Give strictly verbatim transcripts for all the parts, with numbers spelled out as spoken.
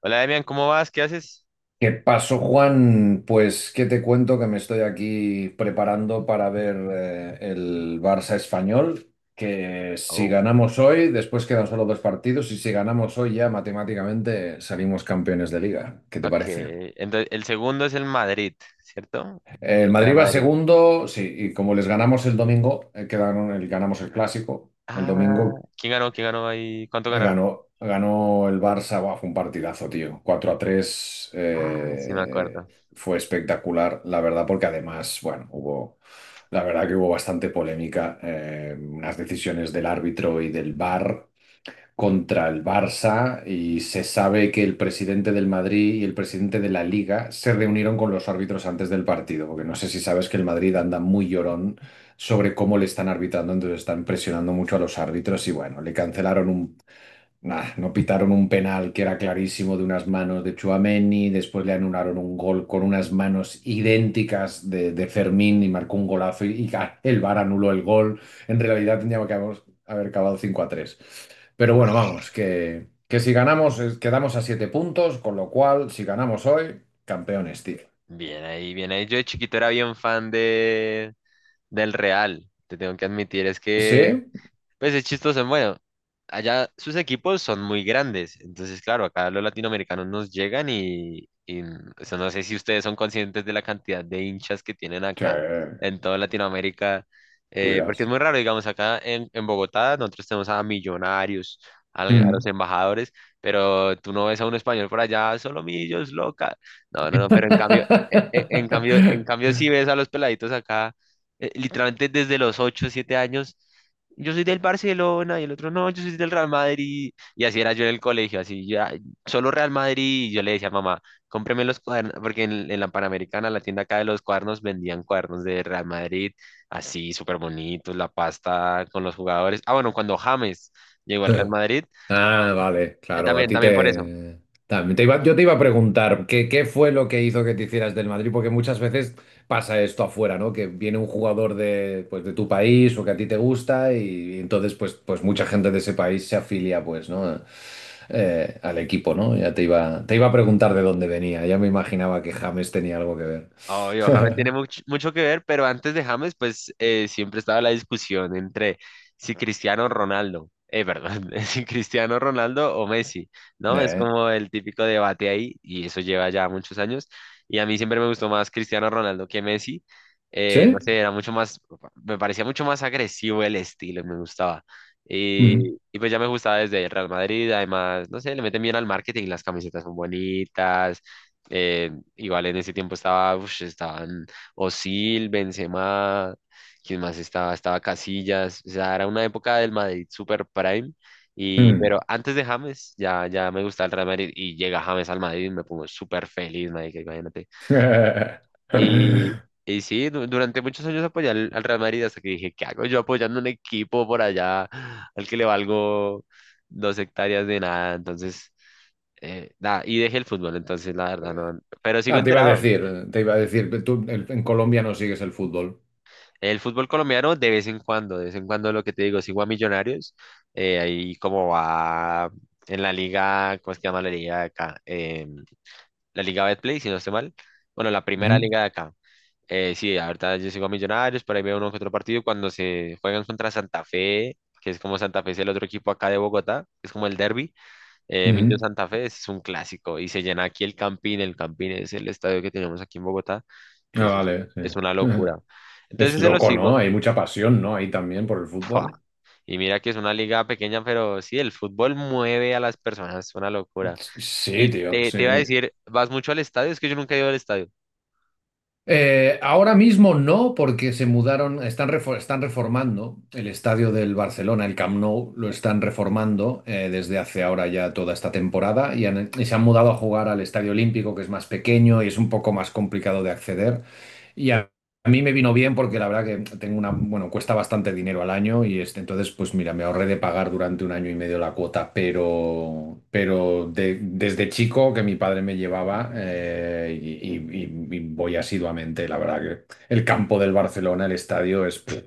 Hola, Demian, ¿cómo vas? ¿Qué haces? ¿Qué pasó, Juan? Pues, ¿qué te cuento? Que me estoy aquí preparando para ver eh, el Barça español, que si Oh, ganamos hoy, después quedan solo dos partidos, y si ganamos hoy ya matemáticamente salimos campeones de liga. ¿Qué te ok. parece? Entonces, el segundo es el Madrid, ¿cierto? El El Real Madrid va Madrid. segundo, sí, y como les ganamos el domingo, eh, quedaron, el- ganamos el clásico, el Ah, domingo. ¿quién ganó? ¿Quién ganó ahí? ¿Cuánto Eh, ganaron? Ganó, ganó el Barça. Buah, fue un partidazo, tío. Cuatro a tres, Ah, sí me eh, acuerdo. fue espectacular, la verdad, porque además, bueno, hubo, la verdad que hubo bastante polémica, eh, unas decisiones del árbitro y del V A R contra el Barça, y se sabe que el presidente del Madrid y el presidente de la Liga se reunieron con los árbitros antes del partido, porque no sé si sabes que el Madrid anda muy llorón sobre cómo le están arbitrando. Entonces están presionando mucho a los árbitros y bueno, le cancelaron un Nah, no pitaron un penal que era clarísimo de unas manos de Tchouaméni. Después le anularon un gol con unas manos idénticas de, de Fermín y marcó un golazo, y, y el V A R anuló el gol. En realidad tendríamos que haber, haber acabado cinco a tres. Pero Uy, bueno, vamos, que, que si ganamos eh, quedamos a siete puntos, con lo cual si ganamos hoy, campeones, tío. bien ahí, bien ahí. Yo de chiquito era bien fan de del Real. Te tengo que admitir, es ¿Sí? que pues es chistoso, bueno, allá sus equipos son muy grandes, entonces claro, acá los latinoamericanos nos llegan y, y, o sea, no sé si ustedes son conscientes de la cantidad de hinchas que tienen Sí, acá en toda Latinoamérica, tú eh, porque es dirás. muy raro, digamos, acá en, en Bogotá nosotros tenemos a millonarios, al- a, los Mm. embajadores, pero tú no ves a un español por allá, solo millos, loca. No, no, no, pero en cambio, e- e- en, cambio, en cambio sí ves a los peladitos acá, eh, literalmente desde los ocho siete años yo soy del Barcelona y el otro no, yo soy del Real Madrid. Y así era yo en el colegio, así ya, solo Real Madrid. Y yo le decía a mamá, cómpreme los cuadernos, porque en, en la Panamericana, la tienda acá de los cuadernos, vendían cuadernos de Real Madrid, así súper bonitos, la pasta con los jugadores. Ah, bueno, cuando James llegó al Real Madrid, Ah, vale, eh, claro, a también, ti también por eso. te... También te iba, yo te iba a preguntar, ¿qué, qué fue lo que hizo que te hicieras del Madrid? Porque muchas veces pasa esto afuera, ¿no? Que viene un jugador de, pues, de tu país o que a ti te gusta y, entonces pues, pues mucha gente de ese país se afilia, pues, ¿no? Eh, al equipo, ¿no? Ya te iba, te iba a preguntar de dónde venía, ya me imaginaba que James tenía algo que ver. Obvio, James tiene much- mucho que ver, pero antes de James, pues eh, siempre estaba la discusión entre si Cristiano Ronaldo, eh, perdón, si Cristiano Ronaldo o Messi, ¿no? Es Eh, como el típico debate ahí, y eso lleva ya muchos años, y a mí siempre me gustó más Cristiano Ronaldo que Messi, ¿Sí? eh, no sé, era mucho más, me parecía mucho más agresivo el estilo, me gustaba. Y, Mm, y pues ya me gustaba desde el Real Madrid, además, no sé, le meten bien al marketing, las camisetas son bonitas. Eh, Igual en ese tiempo estaba, ush, estaban Osil, Benzema, ¿quién más estaba? Estaba Casillas, o sea, era una época del Madrid super prime, y, mm. pero antes de James ya, ya me gustaba el Real Madrid y llega James al Madrid y me pongo súper feliz, marica, imagínate. Y, y sí, du- durante muchos años apoyé al, al Real Madrid hasta que dije, ¿qué hago yo apoyando un equipo por allá al que le valgo dos hectáreas de nada? Entonces. Eh, nada, y dejé el fútbol, entonces la verdad no, pero sigo Ah, te iba a enterado. decir, te iba a decir, tú el- en Colombia no sigues el fútbol. El fútbol colombiano de vez en cuando, de vez en cuando lo que te digo, sigo a Millonarios, eh, ahí como va en la liga, ¿cómo es que llama la liga de acá? Em, la liga Betplay, si no estoy mal. Bueno, la primera Ujú, liga de acá. Eh, sí, ahorita yo sigo a Millonarios, por ahí veo uno que otro partido cuando se juegan contra Santa Fe, que es como Santa Fe es el otro equipo acá de Bogotá, es como el derbi. Eh, Millo ujú. Santa Fe es un clásico y se llena aquí el Campín, el Campín es el estadio que tenemos aquí en Bogotá, Ah, es, vale, sí. es una locura. Es Entonces se lo loco, ¿no? sigo. Hay mucha pasión, ¿no? Ahí también por el fútbol. Y mira que es una liga pequeña, pero sí, el fútbol mueve a las personas, es una locura. Sí, Y tío, te, sí. te iba a decir, ¿vas mucho al estadio? Es que yo nunca he ido al estadio. Eh, ahora mismo no, porque se mudaron, están, refor- están reformando el estadio del Barcelona, el Camp Nou, lo están reformando eh, desde hace ahora ya toda esta temporada, y, han- y se han mudado a jugar al Estadio Olímpico, que es más pequeño y es un poco más complicado de acceder. Y a a mí me vino bien porque la verdad que tengo una, bueno, cuesta bastante dinero al año y este, entonces, pues mira, me ahorré de pagar durante un año y medio la cuota, pero, pero de- desde chico que mi padre me llevaba eh, y, y- y- y voy asiduamente, la verdad que el campo del Barcelona, el estadio es, pff,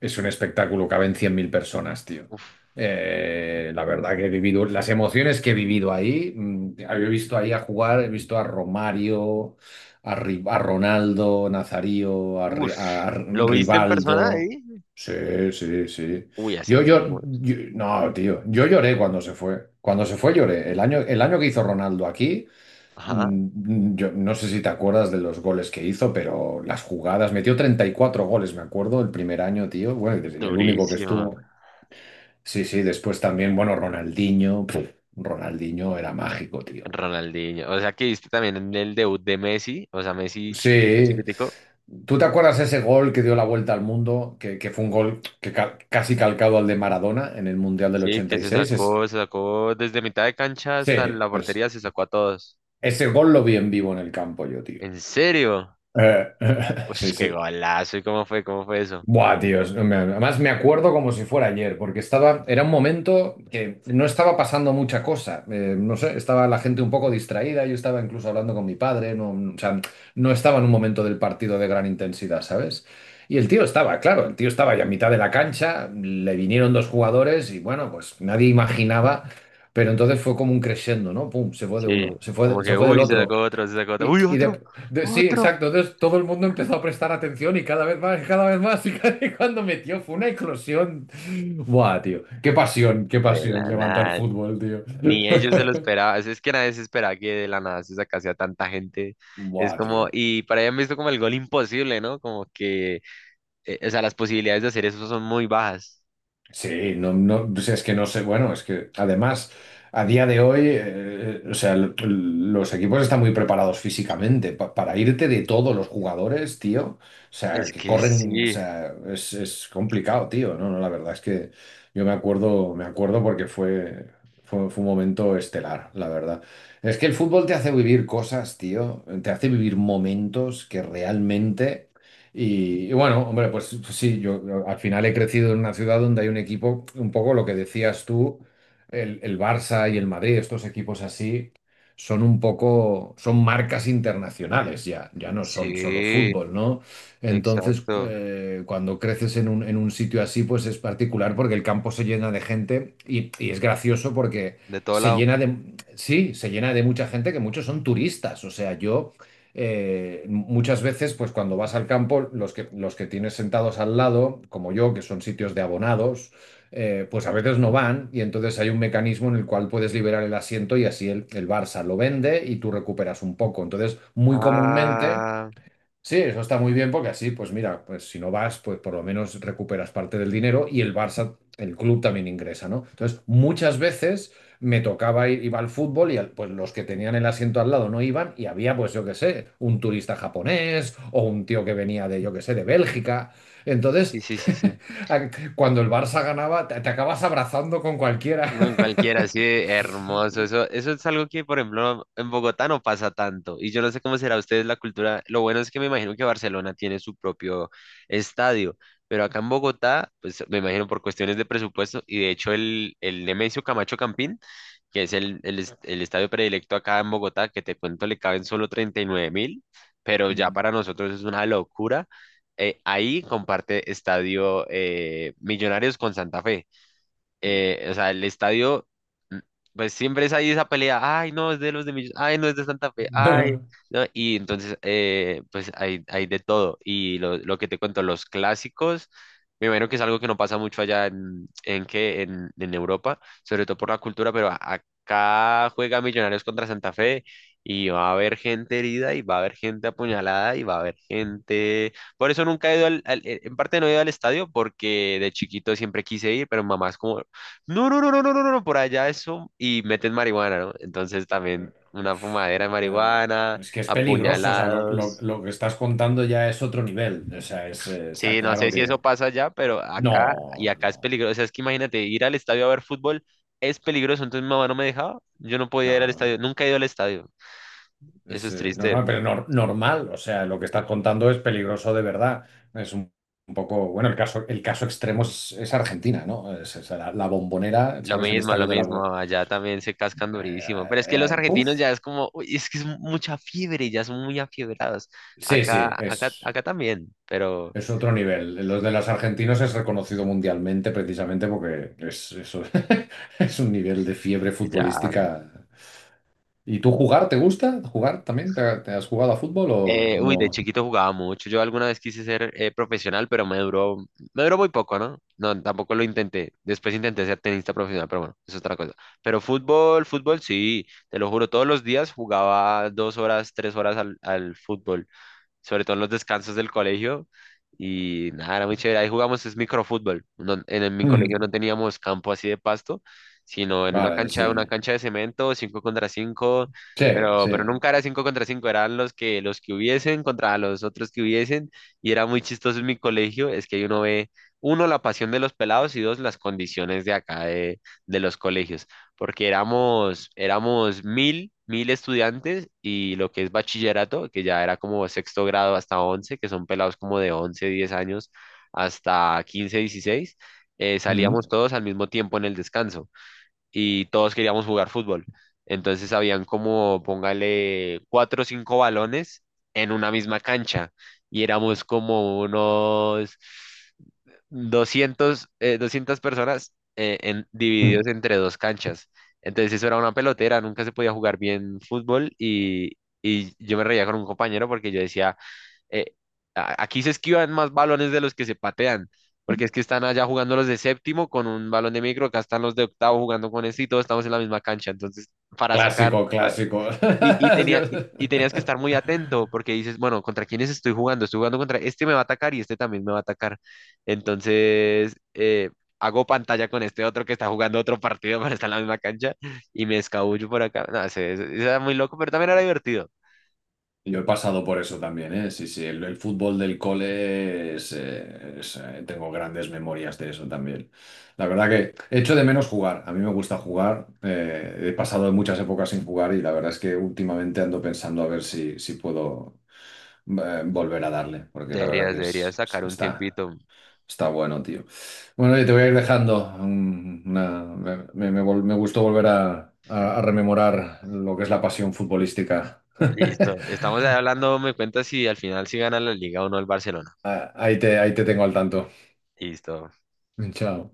es un espectáculo. Caben cien mil personas, tío. Uf, Eh, la verdad que he vivido, las emociones que he vivido ahí, mm, he visto ahí a jugar, he visto a Romario, a, Ri- a Ronaldo Nazario, a, Ri- uf. a ¿Lo viste en persona Rivaldo. ahí? Sí, sí, sí. Uy, hace Yo, un... yo, buen- yo- no, tío, yo lloré cuando se fue. Cuando se fue lloré. El año, el año que hizo Ronaldo aquí, Ajá, mm, yo no sé si te acuerdas de los goles que hizo, pero las jugadas, metió treinta y cuatro goles, me acuerdo, el primer año, tío. Bueno, y el único que durísimo. estuvo. Sí, sí, después también, bueno, Ronaldinho, puf, Ronaldinho era mágico, tío. Ronaldinho. O sea que viste también en el debut de Messi, o sea, Messi chiquitico, Sí. chiquitico. ¿Tú te acuerdas ese gol que dio la vuelta al mundo? Que, que fue un gol que ca- casi calcado al de Maradona en el Mundial del Sí, que se ochenta y seis. Es, sacó, se sacó desde mitad de cancha Sí, hasta la pues portería, se sacó a todos. ese gol lo vi en vivo en el campo yo, tío. ¿En serio? Eh, Uy, sí, qué sí. golazo. ¿Y cómo fue? ¿Cómo fue eso? Buah, tío, es- me- además me acuerdo como si fuera ayer, porque estaba, era un momento que no estaba pasando mucha cosa. Eh, no sé, estaba la gente un poco distraída, yo estaba incluso hablando con mi padre, no, o sea, no estaba en un momento del partido de gran intensidad, ¿sabes? Y el tío estaba, claro, el tío estaba ya a mitad de la cancha, le vinieron dos jugadores y bueno, pues nadie imaginaba, pero entonces fue como un crescendo, ¿no? Pum, se fue de Sí, uno, se como fue, se que, fue del uy, se otro. sacó otro, se sacó otro, Y, uy, y otro, de, de- sí, otro. exacto. Entonces todo el mundo empezó a prestar atención y cada vez más, y cada vez más. Y, cada- y cuando metió fue una eclosión. Buah, tío. Qué pasión, qué De pasión la levanta el nada, fútbol, tío. ni ellos se lo esperaban, es que nadie se esperaba que de la nada se sacase a tanta gente. Es Buah, como, tío. y para ellos han visto como el gol imposible, ¿no? Como que, eh, o sea, las posibilidades de hacer eso son muy bajas. Sí, no, no, o sea, es que no sé, bueno, es que además a día de hoy, eh, eh, o sea, l- l- los equipos están muy preparados físicamente pa- para irte de todos los jugadores, tío, o sea, Es que que corren, o sí, sea, es, es complicado, tío, no, no, la verdad es que yo me acuerdo, me acuerdo porque fue, fue, fue un momento estelar, la verdad. Es que el fútbol te hace vivir cosas, tío, te hace vivir momentos que realmente... Y, y bueno, hombre, pues, pues, sí, yo yo al final he crecido en una ciudad donde hay un equipo, un poco lo que decías tú, el, el Barça y el Madrid. Estos equipos así, son un poco, son marcas internacionales ya, ya no son solo sí, fútbol, ¿no? Entonces, exacto, eh, cuando creces en un, en un sitio así, pues es particular porque el campo se llena de gente y, y es gracioso porque de todo se lado. llena de, sí, se llena de mucha gente, que muchos son turistas, o sea, yo eh, muchas veces, pues cuando vas al campo, los que, los que tienes sentados al lado, como yo, que son sitios de abonados, eh, pues a veces no van y entonces hay un mecanismo en el cual puedes liberar el asiento y así el, el Barça lo vende y tú recuperas un poco. Entonces, muy comúnmente... Ah, Sí, eso está muy bien porque así, pues mira, pues si no vas, pues por lo menos recuperas parte del dinero y el Barça, el club también ingresa, ¿no? Entonces, muchas veces me tocaba ir, iba al fútbol y al- pues los que tenían el asiento al lado no iban y había, pues yo qué sé, un turista japonés o un tío que venía de, yo qué sé, de Bélgica. sí, Entonces, sí, sí, sí. a- cuando el Barça ganaba, te, te acabas abrazando con cualquiera. No, cualquiera, así de hermoso. Eso, eso es algo que, por ejemplo, en Bogotá no pasa tanto. Y yo no sé cómo será ustedes la cultura. Lo bueno es que me imagino que Barcelona tiene su propio estadio. Pero acá en Bogotá, pues me imagino por cuestiones de presupuesto. Y de hecho, el, el Nemesio Camacho Campín, que es el, el, es- el estadio predilecto acá en Bogotá, que te cuento le caben solo treinta y nueve mil. Pero ya Ujú. para nosotros es una locura. Eh, ahí comparte estadio eh, Millonarios con Santa Fe, Mm. eh, o sea, el estadio, mm, pues siempre es ahí esa pelea, ay, no, es de los de Millos, ay, no, es de Santa Fe, ay, ¿no? Y entonces, eh, pues hay, hay de todo. Y lo, lo que te cuento, los clásicos, me imagino que es algo que no pasa mucho allá en, en, ¿qué? en, en Europa, sobre todo por la cultura, pero a- acá juega Millonarios contra Santa Fe. Y va a haber gente herida, y va a haber gente apuñalada, y va a haber gente por eso nunca he ido al, al- eh, en parte no he ido al estadio porque de chiquito siempre quise ir, pero mamá es como, no, no, no, no, no, no, no, no, por allá eso y meten marihuana, ¿no? Entonces también una fumadera de Eh, marihuana, es que es peligroso, o sea, lo, lo- apuñalados. lo que estás contando ya es otro nivel, o sea, es, eh, está Sí, no sé claro si eso que... pasa allá, pero acá y No, acá es no, peligroso. O sea, es que imagínate, ir al estadio a ver fútbol es peligroso. Entonces mi mamá no me dejaba, yo no podía ir no, al no, estadio, nunca he ido al estadio. Eso es, es eh, no, triste. no, pero nor- normal, o sea, lo que estás contando es peligroso de verdad, es un, un poco, bueno, el caso, el caso extremo es, es Argentina, ¿no? Es, es la, la Bombonera, Lo ¿sabes? El mismo, lo estadio de la... Bo- mismo, allá también se cascan durísimo. Pero es eh, que los eh, eh, argentinos puf. ya es como, uy, es que es mucha fiebre, ya son muy afiebrados. Sí, sí, Acá, acá, es... acá también, pero Es otro nivel. Los de los argentinos es reconocido mundialmente precisamente porque es, eso es un nivel de fiebre ya. futbolística. ¿Y tú jugar te gusta? ¿Jugar también? ¿Te, te has jugado a fútbol o Eh, uy, de no? chiquito jugaba mucho. Yo alguna vez quise ser eh, profesional, pero me duró, me duró muy poco, ¿no? No, tampoco lo intenté. Después intenté ser tenista profesional, pero bueno, es otra cosa. Pero fútbol, fútbol, sí, te lo juro, todos los días jugaba dos horas, tres horas al, al fútbol, sobre todo en los descansos del colegio. Y nada, era muy chévere. Ahí jugamos es microfútbol. No- en, en mi colegio Mm, no teníamos campo así de pasto, sino en una Vale, cancha, una sí. cancha de cemento, cinco contra cinco, Sí, pero, pero sí. nunca era cinco contra cinco, eran los que, los que hubiesen contra los otros que hubiesen. Y era muy chistoso en mi colegio, es que ahí uno ve, uno, la pasión de los pelados, y dos, las condiciones de acá de, de los colegios, porque éramos, éramos mil, mil estudiantes, y lo que es bachillerato, que ya era como sexto grado hasta once, que son pelados como de once, diez años hasta quince, dieciséis, eh, Mm, salíamos todos al mismo tiempo en el descanso y todos queríamos jugar fútbol. Entonces habían como, póngale, cuatro o cinco balones en una misma cancha y éramos como unos doscientos eh, doscientas personas eh, en, mm. divididos entre dos canchas. Entonces eso era una pelotera, nunca se podía jugar bien fútbol, y, y, yo me reía con un compañero porque yo decía, eh, "A- aquí se esquivan más balones de los que se patean, porque es que están allá jugando los de séptimo con un balón de micro, acá están los de octavo jugando con ese y todos estamos en la misma cancha. Entonces, para sacar, Clásico, clásico. y, y, tenía, y, y tenías que Yo- estar muy atento porque dices, bueno, ¿contra quiénes estoy jugando? Estoy jugando contra este, me va a atacar, y este también me va a atacar. Entonces, eh, hago pantalla con este otro que está jugando otro partido para estar en la misma cancha y me escabullo por acá. No, se, se- se era muy loco, pero también era divertido. Yo he pasado por eso también, ¿eh? Sí, sí, el, el fútbol del cole es, eh, es, eh, tengo grandes memorias de eso también. La verdad que echo de menos jugar, a mí me gusta jugar, eh, he pasado muchas épocas sin jugar y la verdad es que últimamente ando pensando a ver si, si, puedo eh, volver a darle, porque la verdad Deberías, que deberías es, es- sacar un está, tiempito. está bueno, tío. Bueno, y te voy a ir dejando. Mm, una- me, me- me vol- me gustó volver a, a a rememorar lo que es la pasión futbolística. Listo. Estamos ahí hablando, me cuentas si al final si gana la liga o no el Barcelona. Ah, Ahí te, ahí te tengo al tanto. Listo. Chao.